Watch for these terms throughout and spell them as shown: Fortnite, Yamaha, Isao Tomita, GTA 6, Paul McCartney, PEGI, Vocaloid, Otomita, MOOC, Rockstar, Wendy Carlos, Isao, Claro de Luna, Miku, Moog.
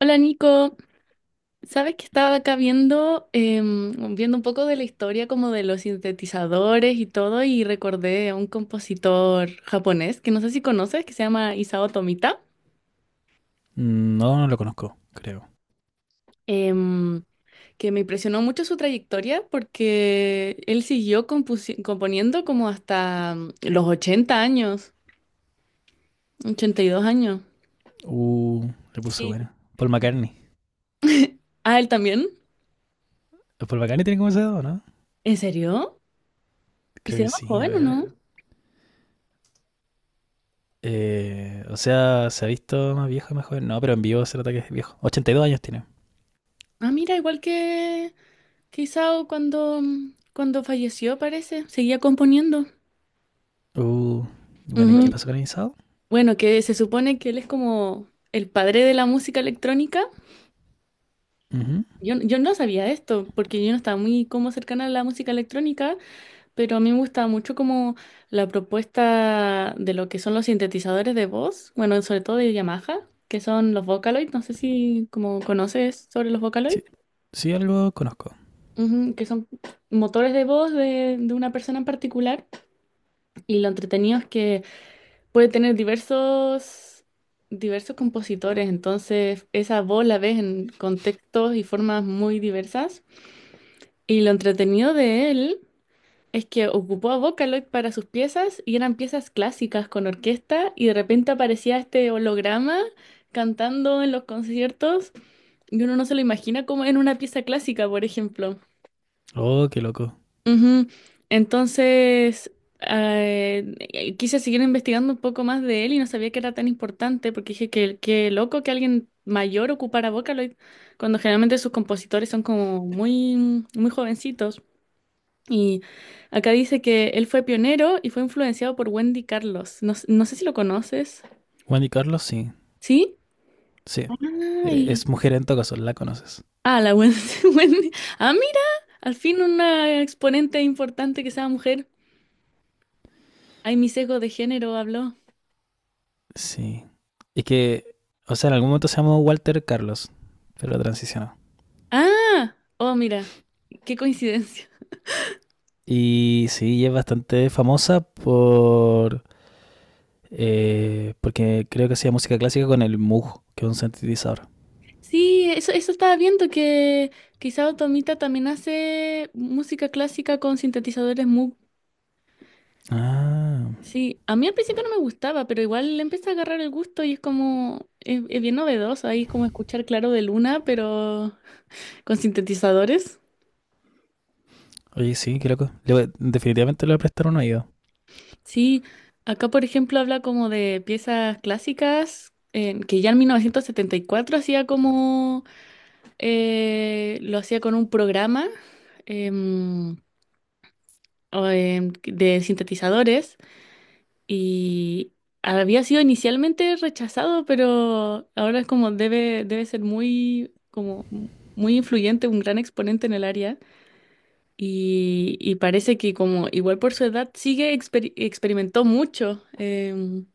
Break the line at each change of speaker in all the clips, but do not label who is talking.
Hola Nico, sabes que estaba acá viendo un poco de la historia como de los sintetizadores y todo y recordé a un compositor japonés que no sé si conoces, que se llama Isao Tomita,
No, no lo conozco, creo.
em, que me impresionó mucho su trayectoria porque él siguió componiendo como hasta los 80 años, 82 años.
Uh, Le puso
Sí.
bueno. Paul McCartney.
Ah, él también.
¿Paul McCartney tiene como ese dedo, no?
¿En serio? ¿Y
Creo
se
que
llama
sí, a
joven o
ver.
no?
O sea, ¿se ha visto más viejo, más joven? No, pero en vivo se nota que es viejo. 82 años tiene.
Ah, mira, igual que... Quizá o cuando falleció, parece, seguía componiendo.
Uh, bueno, ¿y qué
Ujú.
pasó con el Isao?
Bueno, que se supone que él es como el padre de la música electrónica.
Ujú.
Yo no sabía esto, porque yo no estaba muy como cercana a la música electrónica, pero a mí me gustaba mucho como la propuesta de lo que son los sintetizadores de voz, bueno, sobre todo de Yamaha, que son los Vocaloid, no sé si como conoces sobre los Vocaloid.
Sí, sí, algo conozco.
Ujú, que son motores de voz de una persona en particular, y lo entretenido es que puede tener diversos compositores, entonces esa voz la ves en contextos y formas muy diversas. Y lo entretenido de él es que ocupó a Vocaloid para sus piezas y eran piezas clásicas con orquesta y de repente aparecía este holograma cantando en los conciertos y uno no se lo imagina como en una pieza clásica, por ejemplo.
Oh, qué loco.
Ujú. Entonces, quise seguir investigando un poco más de él y no sabía que era tan importante porque dije que qué loco que alguien mayor ocupara Vocaloid cuando generalmente sus compositores son como muy jovencitos. Y acá dice que él fue pionero y fue influenciado por Wendy Carlos. No, no sé si lo conoces.
Wendy Carlos, sí,
¿Sí?
sí. Es
Ay,
mujer en todo caso, la conoces.
ah, la Wendy. Wendy. Ah, mira, al fin una exponente importante que sea mujer. Ay, mi sesgo de género habló.
Sí. Es que, o sea, en algún momento se llamó Walter Carlos, pero transicionó.
Ah, oh, mira, qué coincidencia.
Y sí, y es bastante famosa por porque creo que hacía música clásica con el Moog, que es un sintetizador.
Sí, eso estaba viendo que quizá Otomita también hace música clásica con sintetizadores Moog.
Ah,
Sí, a mí al principio no me gustaba, pero igual le empecé a agarrar el gusto y es como es bien novedoso ahí como escuchar Claro de Luna, pero con sintetizadores.
oye, sí, qué loco. Definitivamente le voy a prestar un oído.
Sí, acá por ejemplo habla como de piezas clásicas, que ya en 1974 hacía como lo hacía con un programa em, de sintetizadores y había sido inicialmente rechazado, pero ahora es como debe ser muy influyente, un gran exponente en el área. Y parece que como igual por su edad sigue experimentó mucho.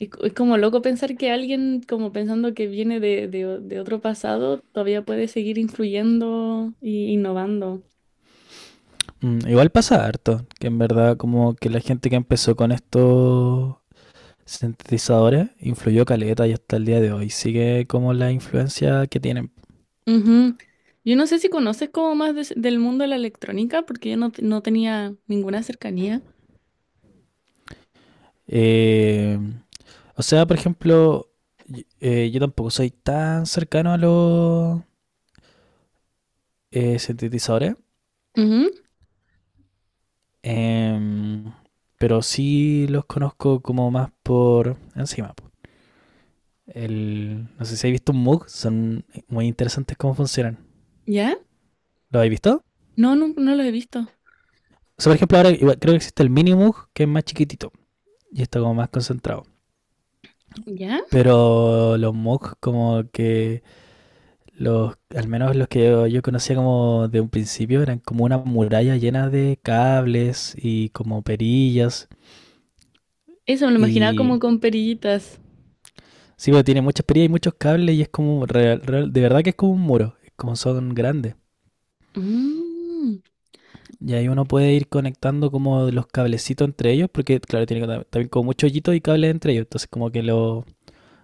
Y es como loco pensar que alguien como pensando que viene de otro pasado todavía puede seguir influyendo e innovando.
Mm, igual pasa harto, que en verdad como que la gente que empezó con estos sintetizadores influyó caleta y hasta el día de hoy sigue como la influencia que tienen.
Ujú. Yo no sé si conoces como más del mundo de la electrónica, porque yo no, no tenía ninguna cercanía.
Eh, o sea, por ejemplo, yo tampoco soy tan cercano a los sintetizadores,
Ujú.
Em, pero sí los conozco como más por encima. El, no sé si habéis visto un MOOC, son muy interesantes cómo funcionan.
¿Ya?
¿Lo habéis visto?
No, no, no lo he visto.
O sea, por ejemplo, ahora igual creo que existe el mini MOOC que es más chiquitito y está como más concentrado.
¿Ya?
Pero los MOOC como que los, al menos los que yo conocía como de un principio, eran como una muralla llena de cables y como perillas
Eso me lo imaginaba
y
como con perillitas.
sí, pero tiene mucha perilla y muchos cables y es como, de verdad que es como un muro, es como son grandes.
Mm.
Y ahí uno puede ir conectando como los cablecitos entre ellos, porque claro, tiene como- también como muchos hoyitos y cables entre ellos, entonces como que lo,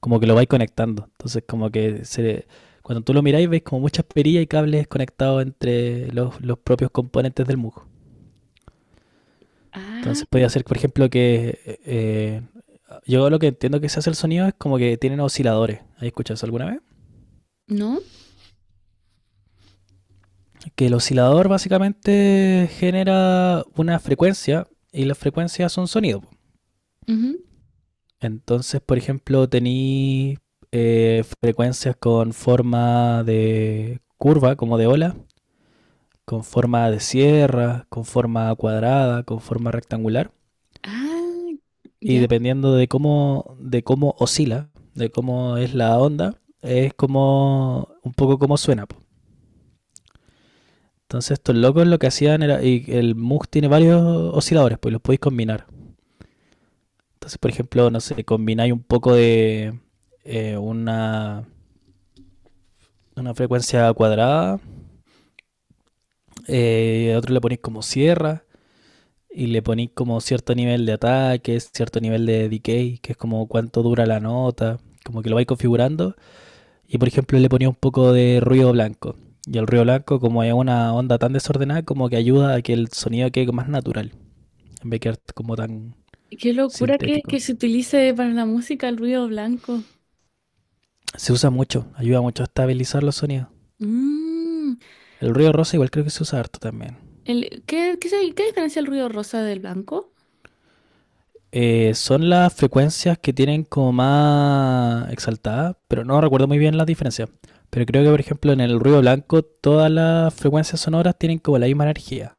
como que lo vais conectando. Entonces como que se, cuando tú lo miráis veis como muchas perillas y cables conectados entre los propios componentes del musgo. Entonces
Ah,
podía hacer, por ejemplo, que yo lo que entiendo que se hace el sonido es como que tienen osciladores. ¿Has escuchado eso alguna vez?
¿no?
Que el oscilador básicamente genera una frecuencia y las frecuencias son sonido.
Ujú.
Entonces, por ejemplo, tení frecuencias con forma de curva, como de ola, con forma de sierra, con forma cuadrada, con forma rectangular.
Ah,
Y
ya.
dependiendo de cómo oscila, de cómo es la onda, es como un poco como suena, po. Entonces estos locos lo que hacían era, y el MUG tiene varios osciladores, pues los podéis combinar. Entonces, por ejemplo, no sé, combináis un poco de eh, una, una frecuencia cuadrada, a otro le ponéis como sierra y le ponéis como cierto nivel de ataque, cierto nivel de decay, que es como cuánto dura la nota, como que lo vais configurando. Y por ejemplo, le ponía un poco de ruido blanco. Y el ruido blanco, como es una onda tan desordenada, como que ayuda a que el sonido quede más natural, en vez de quedar como tan
Qué locura
sintético.
que se utilice para la música el ruido blanco.
Se usa mucho, ayuda mucho a estabilizar los sonidos.
Mm.
El ruido rosa igual creo que se usa harto también.
El, ¿qué diferencia el ruido rosa del blanco?
Son las frecuencias que tienen como más exaltada, pero no recuerdo muy bien las diferencias. Pero creo que, por ejemplo, en el ruido blanco todas las frecuencias sonoras tienen como la misma energía.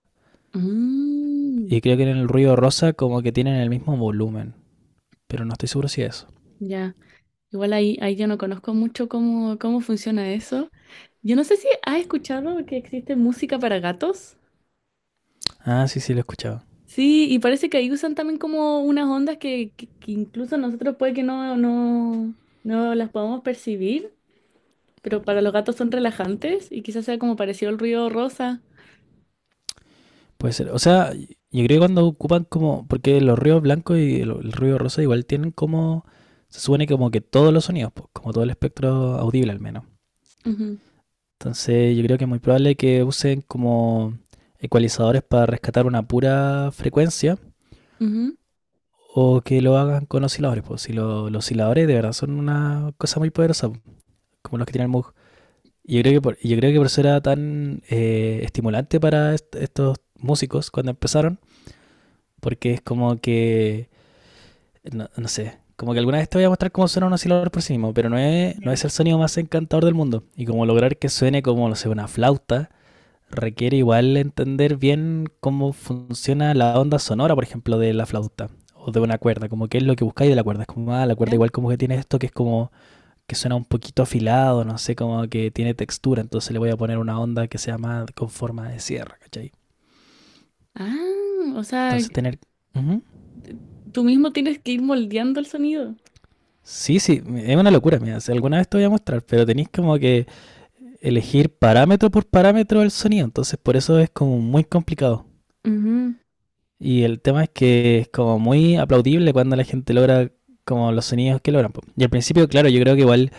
Mm.
Y creo que en el ruido rosa como que tienen el mismo volumen. Pero no estoy seguro si es eso.
Ya. Igual ahí yo no conozco mucho cómo funciona eso. Yo no sé si has escuchado que existe música para gatos.
Ah, sí, sí, lo he escuchado.
Sí, y parece que ahí usan también como unas ondas que incluso nosotros puede que no las podamos percibir, pero para los gatos son relajantes y quizás sea como parecido al ruido rosa.
Puede ser. O sea, yo creo que cuando ocupan como... Porque los ruidos blancos y el ruido rosa igual tienen como... Se supone como que todos los sonidos, pues, como todo el espectro audible al menos.
Ujú,
Entonces yo creo que es muy probable que usen como ecualizadores para rescatar una pura frecuencia
ujú.
o que lo hagan con osciladores. Pues si los osciladores de verdad son una cosa muy poderosa, pues, como los que tiene el Moog. Yo creo que por eso era tan estimulante para estos músicos cuando empezaron, porque es como que, no, no sé, como que alguna vez te voy a mostrar cómo suena un oscilador por sí mismo, pero no
Ya.
es el sonido más encantador del mundo. Y como lograr que suene como, no sé, una flauta requiere igual entender bien cómo funciona la onda sonora, por ejemplo, de la flauta o de una cuerda, como qué es lo que buscáis de la cuerda. Es como, ah, la cuerda
¿Ya?
igual como que tiene esto que es como que suena un poquito afilado, no sé, como que tiene textura, entonces le voy a poner una onda que sea más con forma de sierra, ¿cachai?
Ah, o sea,
Entonces tener... Ujú.
t- tú mismo tienes que ir moldeando el sonido.
Sí, sí, es una locura, mira, si alguna vez te voy a mostrar, pero tenéis como que elegir parámetro por parámetro del sonido, entonces por eso es como muy complicado.
Ujú,
Y el tema es que es como muy aplaudible cuando la gente logra como los sonidos que logran, po. Y al principio, claro, yo creo que igual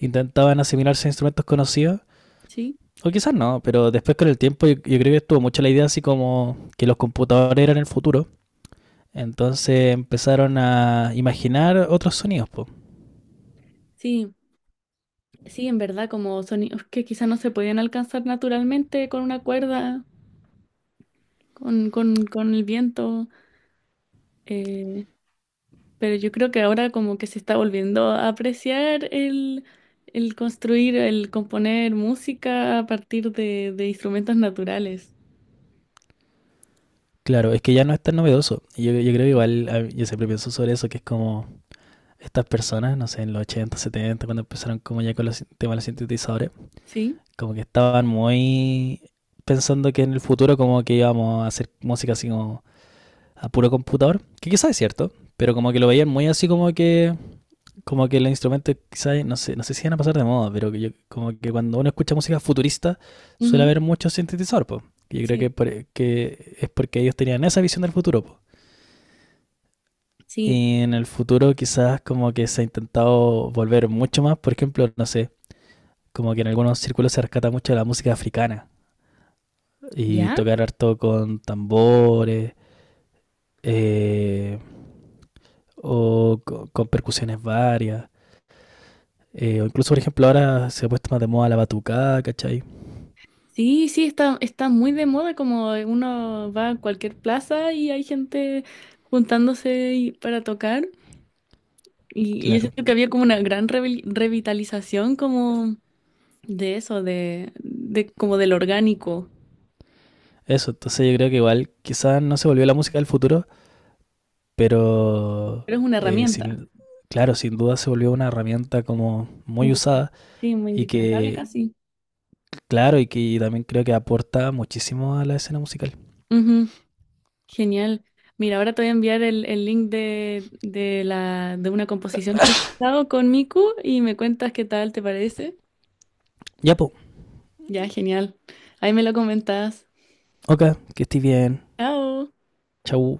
intentaban asimilarse a instrumentos conocidos,
sí,
o quizás no, pero después con el tiempo yo creo que estuvo mucho la idea así como que los computadores eran el futuro. Entonces empezaron a imaginar otros sonidos, po.
sí. Sí, en verdad, como sonidos que quizás no se podían alcanzar naturalmente con una cuerda, con el viento, eh, pero yo creo que ahora como que se está volviendo a apreciar el construir, el componer música a partir de instrumentos naturales.
Claro, es que ya no es tan novedoso. Yo creo que igual, yo siempre pienso sobre eso, que es como estas personas, no sé, en los 80 70 cuando empezaron como ya con los temas de los sintetizadores
¿Sí?
como que estaban muy pensando que en el futuro como que íbamos a hacer música así como a puro computador, que quizás es cierto, pero como que lo veían muy así como que los instrumentos quizás no sé, no sé si van a pasar de moda, pero que yo, como que cuando uno escucha música futurista suele
Ujú,
haber mucho sintetizador, po. Yo creo que,
sí,
que es porque ellos tenían esa visión del futuro, po.
sí.
Y en el futuro quizás como que se ha intentado volver mucho más, por ejemplo, no sé, como que en algunos círculos se rescata mucho la música africana y
¿Ya?
tocar harto con tambores eh, o con percusiones varias. Eh, o incluso, por ejemplo, ahora se ha puesto más de moda la batucada, ¿cachai?
Sí, sí, está muy de moda, como uno va a cualquier plaza y hay gente para tocar. Y yo
Claro.
siento que había como una gran revitalización como de eso, de como del orgánico.
Eso, entonces yo creo que igual quizás no se volvió la música del futuro, pero
Pero es una herramienta.
sin, claro, sin duda se volvió una herramienta como muy
Indispen-
usada
Sí, muy
y
indispensable
que,
casi.
claro, y que también creo que aporta muchísimo a la escena musical.
Ujú, genial. Mira, ahora te voy a enviar el link de una composición que he estado con Miku y me cuentas qué tal te parece.
Ya, po.
Ya, genial. Ahí me lo comentas.
Ok, que estés bien.
Chao.
Chau.